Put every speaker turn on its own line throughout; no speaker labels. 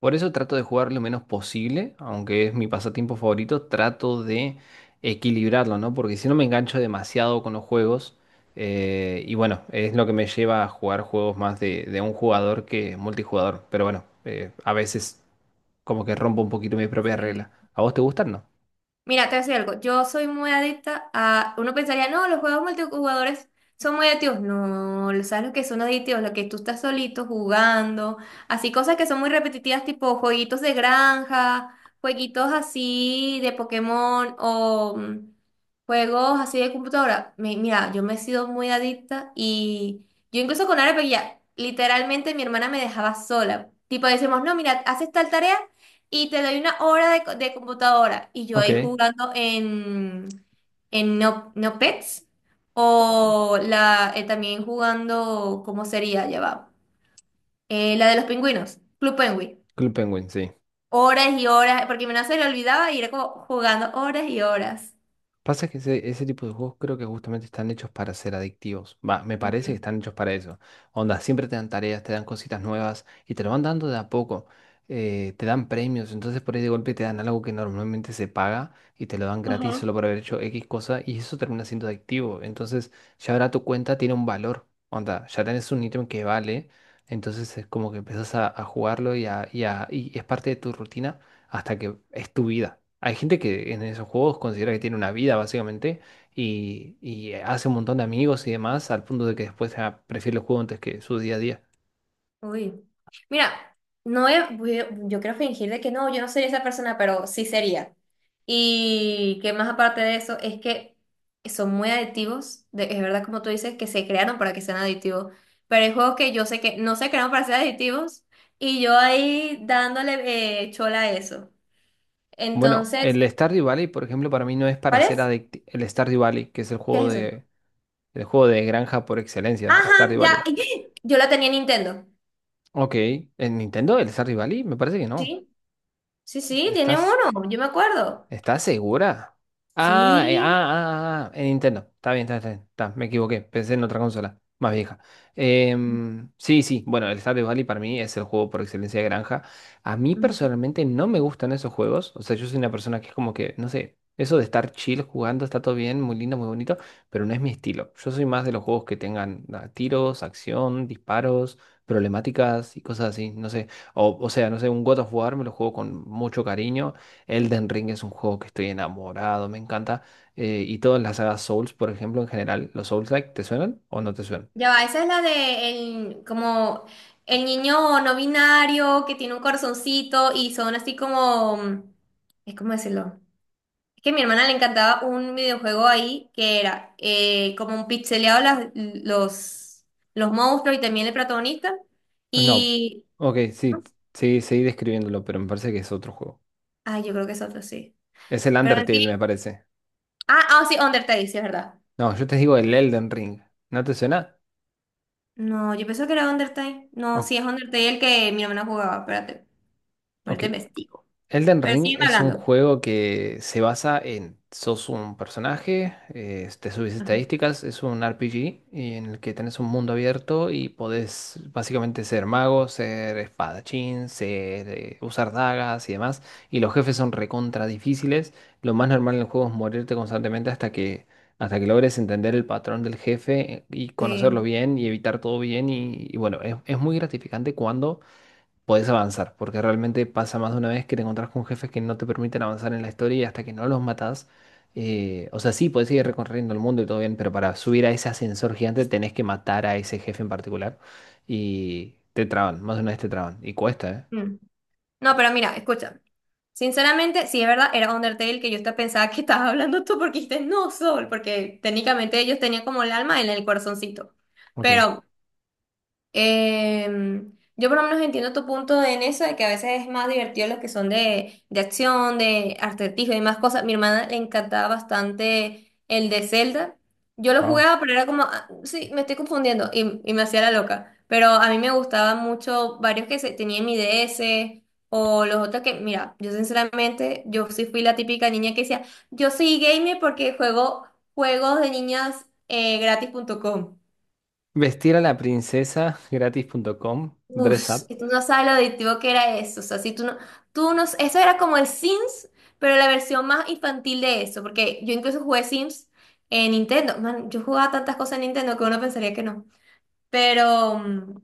Por eso trato de jugar lo menos posible, aunque es mi pasatiempo favorito, trato de equilibrarlo, ¿no? Porque si no me engancho demasiado con los juegos, y bueno, es lo que me lleva a jugar juegos más de un jugador que multijugador. Pero bueno, a veces como que rompo un poquito mi propia
Sí.
regla. ¿A vos te gustan, no?
Mira, te voy a decir algo. Yo soy muy adicta a... Uno pensaría, no, los juegos multijugadores son muy adictivos. No, ¿sabes lo que son adictivos? Lo que tú estás solito jugando. Así cosas que son muy repetitivas, tipo jueguitos de granja, jueguitos así de Pokémon o juegos así de computadora. Mira, yo me he sido muy adicta y yo incluso con Arepe ya, literalmente mi hermana me dejaba sola. Tipo, decimos, no, mira, haces tal tarea y te doy una hora de, de computadora y yo ahí
Ok.
jugando en No, No Pets
Oh,
o la, también jugando, ¿cómo sería? Ya va. La de los pingüinos, Club Penguin.
Club Penguin, sí.
Horas y horas, porque mi no se le olvidaba y era como jugando horas y horas.
Pasa que ese tipo de juegos creo que justamente están hechos para ser adictivos. Va, me
Mm.
parece que están hechos para eso. Onda, siempre te dan tareas, te dan cositas nuevas y te lo van dando de a poco. Te dan premios, entonces por ahí de golpe te dan algo que normalmente se paga y te lo dan gratis
Ajá.
solo por haber hecho X cosa y eso termina siendo adictivo. Entonces ya ahora tu cuenta tiene un valor. Onda, ya tenés un ítem que vale. Entonces es como que empezás a jugarlo y es parte de tu rutina hasta que es tu vida. Hay gente que en esos juegos considera que tiene una vida, básicamente, y hace un montón de amigos y demás, al punto de que después prefiere el juego antes que su día a día.
Uy. Mira, no he- voy a- yo quiero fingir de que no, yo no sería esa persona, pero sí sería. Y que más aparte de eso, es que son muy adictivos, es verdad como tú dices, que se crearon para que sean adictivos, pero hay juegos que yo sé que no se crearon para ser adictivos y yo ahí dándole chola a eso.
Bueno,
Entonces,
el Stardew Valley, por ejemplo, para mí no es para
¿cuál
ser
es?
adictivo. El Stardew Valley, que es el
¿Qué es eso?
el juego de granja por excelencia,
Ajá,
Stardew
ya,
Valley.
yo la tenía en Nintendo.
Ok, en Nintendo el Stardew Valley me parece que no.
Sí, sí, sí, tiene
Estás
uno, yo me acuerdo.
¿Estás segura?
Sí.
En Nintendo. Está bien, está bien. Está, me equivoqué. Pensé en otra consola, más vieja. Sí, sí. Bueno, el Stardew Valley para mí es el juego por excelencia de granja. A mí personalmente no me gustan esos juegos. O sea, yo soy una persona que es como que, no sé, eso de estar chill jugando está todo bien, muy lindo, muy bonito, pero no es mi estilo. Yo soy más de los juegos que tengan tiros, acción, disparos, problemáticas y cosas así. No sé. O sea, no sé, un God of War me lo juego con mucho cariño. Elden Ring es un juego que estoy enamorado, me encanta. Y todas las sagas Souls, por ejemplo, en general, ¿los Souls-like te suenan o no te suenan?
Ya va, esa es la de el, como el niño no binario que tiene un corazoncito y son así como, mm, es como decirlo. Es que a mi hermana le encantaba un videojuego ahí que era como un pixeleado los monstruos y también el protagonista.
No.
Y,
Ok,
¿no?
sí, seguí describiéndolo, pero me parece que es otro juego.
Ay, yo creo que es otro, sí.
Es el
Pero
Undertale, me
sí,
parece.
sí, Undertale, sí, es verdad.
No, yo te digo el Elden Ring. ¿No te suena?
No, yo pensé que era Undertale.
O-
No, sí, es Undertale el que mi hermana jugaba, espérate,
ok.
ahorita investigo.
Elden
Pero
Ring
siguen
es un
hablando.
juego que se basa en sos un personaje, te subís
Ajá.
estadísticas, es un RPG y en el que tenés un mundo abierto y podés básicamente ser mago, ser espadachín, usar dagas y demás. Y los jefes son recontra difíciles. Lo más normal en el juego es morirte constantemente hasta que logres entender el patrón del jefe y conocerlo
Sí.
bien y evitar todo bien. Y bueno, es muy gratificante cuando podés avanzar, porque realmente pasa más de una vez que te encontrás con jefes que no te permiten avanzar en la historia y hasta que no los matás, o sea, sí, podés seguir recorriendo el mundo y todo bien, pero para subir a ese ascensor gigante tenés que matar a ese jefe en particular y te traban, más de una vez te traban y cuesta, ¿eh?
Mm. No, pero mira, escucha. Sinceramente, sí es verdad, era Undertale que yo hasta pensaba que estabas hablando tú porque dijiste no, Sol, porque técnicamente ellos tenían como el alma en el corazoncito.
Ok.
Pero yo por lo menos entiendo tu en eso, de que a veces es más divertido los que son de acción, de acertijo y más cosas. Mi hermana le encantaba bastante el de Zelda. Yo lo
Ah,
jugaba, pero era como, "Ah, sí, me estoy confundiendo y me hacía la loca". Pero a mí me gustaban mucho varios que se, tenía en mi DS o los otros que, mira, yo sinceramente, yo sí fui la típica niña que decía, yo soy gamer porque juego juegos de niñas gratis.com.
Vestir a la princesa gratis.com, dress
Uf,
up.
y tú no sabes lo adictivo que era eso. O sea, si tú no, tú no, eso era como el Sims, pero la versión más infantil de eso, porque yo incluso jugué Sims en Nintendo. Man, yo jugaba tantas cosas en Nintendo que uno pensaría que no. Pero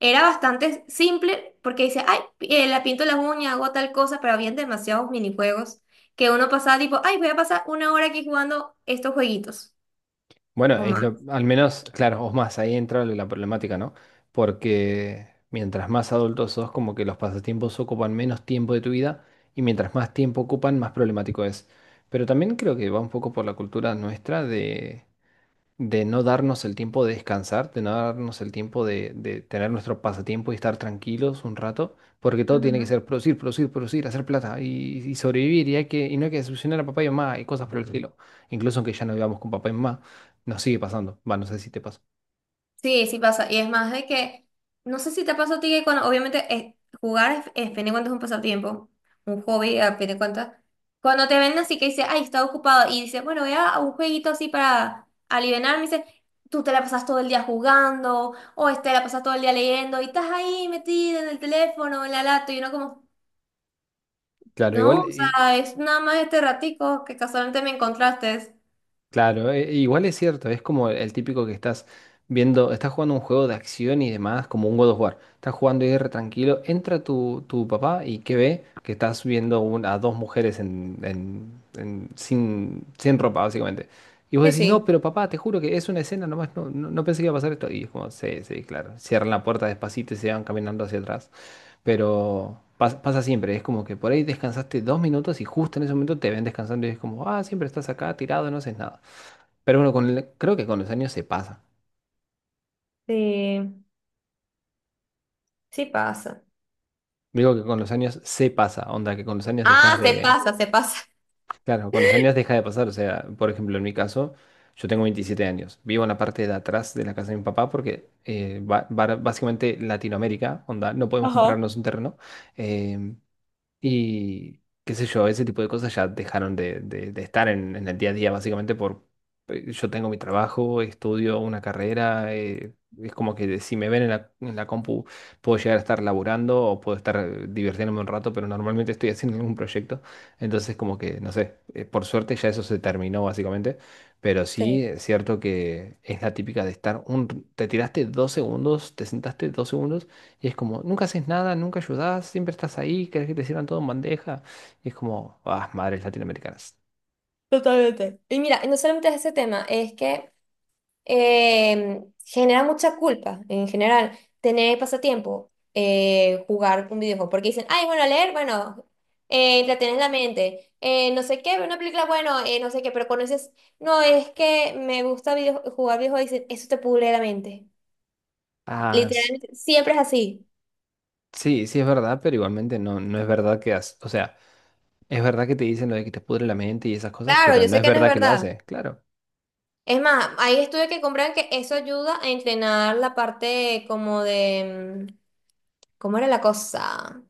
era bastante simple porque dice, ay, la pinto las uñas, hago tal cosa, pero habían demasiados minijuegos que uno pasaba tipo, ay, voy a pasar una hora aquí jugando estos jueguitos
Bueno,
o más.
al menos, claro, o más, ahí entra la problemática, ¿no? Porque mientras más adultos sos, como que los pasatiempos ocupan menos tiempo de tu vida y mientras más tiempo ocupan, más problemático es. Pero también creo que va un poco por la cultura nuestra de no darnos el tiempo de descansar, de no darnos el tiempo de tener nuestro pasatiempo y estar tranquilos un rato, porque todo tiene que ser producir, producir, producir, hacer plata y sobrevivir, y, hay que, y no hay que decepcionar a papá y mamá y cosas por el estilo. Incluso aunque ya no vivamos con papá y mamá, nos sigue pasando. Va, no sé si te pasa.
Sí, sí pasa. Y es más de que, no sé si te pasa a ti que cuando, obviamente, jugar fin de cuentas, un pasatiempo, un hobby, a fin de cuentas. Cuando te ven así que dice, ay, está ocupado, y dice, bueno, voy a un jueguito así para alivianarme, dice, tú te la pasas todo el día jugando, o este, la pasas todo el día leyendo, y estás ahí metida en el teléfono, en la lata, y uno como,
Claro,
no,
igual.
o sea, es nada más este ratico que casualmente me encontraste.
Claro, e igual es cierto, es como el típico que estás viendo, estás jugando un juego de acción y demás, como un God of War. Estás jugando y re tranquilo, entra tu papá y ¿qué ve? Que estás viendo a dos mujeres sin, sin ropa, básicamente. Y vos
Sí,
decís, no,
sí.
pero papá, te juro que es una escena nomás, no pensé que iba a pasar esto. Y es como, sí, sí, claro. Cierran la puerta despacito y se van caminando hacia atrás. Pero pasa siempre, es como que por ahí descansaste 2 minutos y justo en ese momento te ven descansando y es como, ah, siempre estás acá tirado, no haces nada. Pero bueno, creo que con los años se pasa.
Sí, sí pasa.
Digo que con los años se pasa, onda, que con los años dejas
Ah, se
de...
pasa, se pasa.
Claro, con los años deja de pasar, o sea, por ejemplo, en mi caso, yo tengo 27 años, vivo en la parte de atrás de la casa de mi papá porque básicamente Latinoamérica, onda, no podemos
Ajá.
comprarnos un terreno. eh, Y qué sé yo, ese tipo de cosas ya dejaron de estar en el día a día, básicamente por yo tengo mi trabajo, estudio una carrera, es como que si me ven en en la compu puedo llegar a estar laburando o puedo estar divirtiéndome un rato, pero normalmente estoy haciendo algún proyecto, entonces como que, no sé, por suerte ya eso se terminó básicamente, pero sí es cierto que es la típica de estar un, te tiraste 2 segundos, te sentaste 2 segundos y es como, nunca haces nada, nunca ayudás, siempre estás ahí, querés que te sirvan todo en bandeja. Y es como, ah, madres latinoamericanas.
Totalmente. Y mira, no solamente es ese tema, es que genera mucha culpa en general tener pasatiempo, jugar un videojuego, porque dicen, ay, bueno, leer, bueno, entretienes la mente, no sé qué, ver una película, bueno, no sé qué, pero conoces, no, es que me gusta jugar videojuegos, dicen, eso te pudre la mente.
Ah, s-
Literalmente, siempre es así.
sí, sí es verdad, pero igualmente no, no es verdad que has, o sea, es verdad que te dicen lo de que te pudre la mente y esas cosas,
Claro,
pero
yo
no
sé
es
que no es
verdad que lo
verdad.
hace, claro.
Es más, hay estudios que comprueban que eso ayuda a entrenar la parte como de... mm, ¿cómo era la cosa?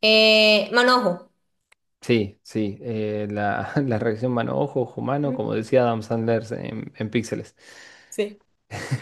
Manojo.
Sí, sí, la reacción mano-ojo, ojo-mano,
Mm.
como decía Adam Sandler en Píxeles.
Sí.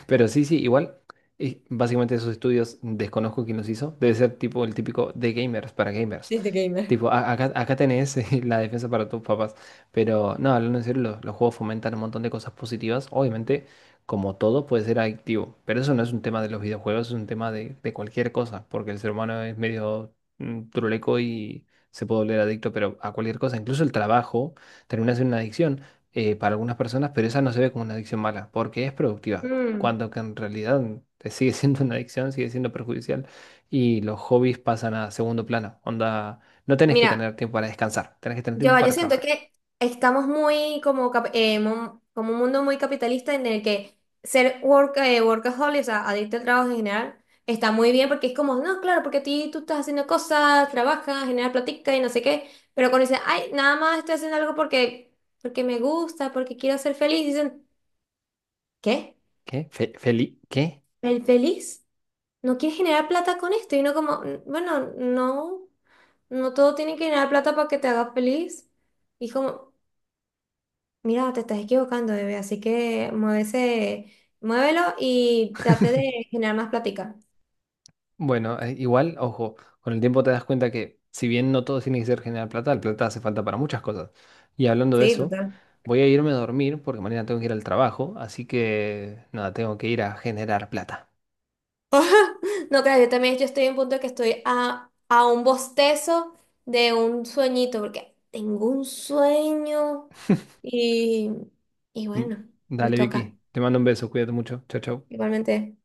Pero sí, sí, igual, y básicamente esos estudios desconozco quién los hizo. Debe ser tipo el típico de gamers para gamers.
Disney Gamer.
Tipo, acá, acá tenés la defensa para tus papás. Pero no, hablando en serio, los juegos fomentan un montón de cosas positivas. Obviamente, como todo, puede ser adictivo. Pero eso no es un tema de los videojuegos, es un tema de cualquier cosa. Porque el ser humano es medio truleco y se puede volver adicto, pero a cualquier cosa. Incluso el trabajo termina siendo una adicción para algunas personas, pero esa no se ve como una adicción mala, porque es productiva, y
Mm.
cuando que en realidad te sigue siendo una adicción, sigue siendo perjudicial y los hobbies pasan a segundo plano. Onda, no tenés que
Mira,
tener tiempo para descansar, tenés que tener tiempo
yo
para
siento
trabajar.
que estamos muy como, como un mundo muy capitalista en el que ser work, workaholic, o sea, adicto al trabajo en general, está muy bien porque es como, no, claro, porque a ti tú estás haciendo cosas, trabajas, generas platica y no sé qué, pero cuando dicen, ay, nada más estoy haciendo algo porque me gusta, porque quiero ser feliz, dicen, ¿qué?
¿Qué? ¿Feli? ¿Qué?
¿El feliz? No quieres generar plata con esto y no como, "N- bueno, no, no todo tiene que generar plata para que te haga feliz". Y como, mira, te estás equivocando, bebé, así que muévese, muévelo y trate de generar más plática.
Bueno, igual, ojo, con el tiempo te das cuenta que si bien no todo tiene que ser generar plata, la plata hace falta para muchas cosas. Y hablando de
Sí,
eso,
total.
voy a irme a dormir porque mañana tengo que ir al trabajo, así que nada, tengo que ir a generar plata.
No, claro, yo también yo estoy en un punto que estoy a un bostezo de un sueñito, porque tengo un sueño y, y
Mm,
bueno, me
dale,
toca
Vicky. Te mando un beso. Cuídate mucho. Chao, chao.
igualmente.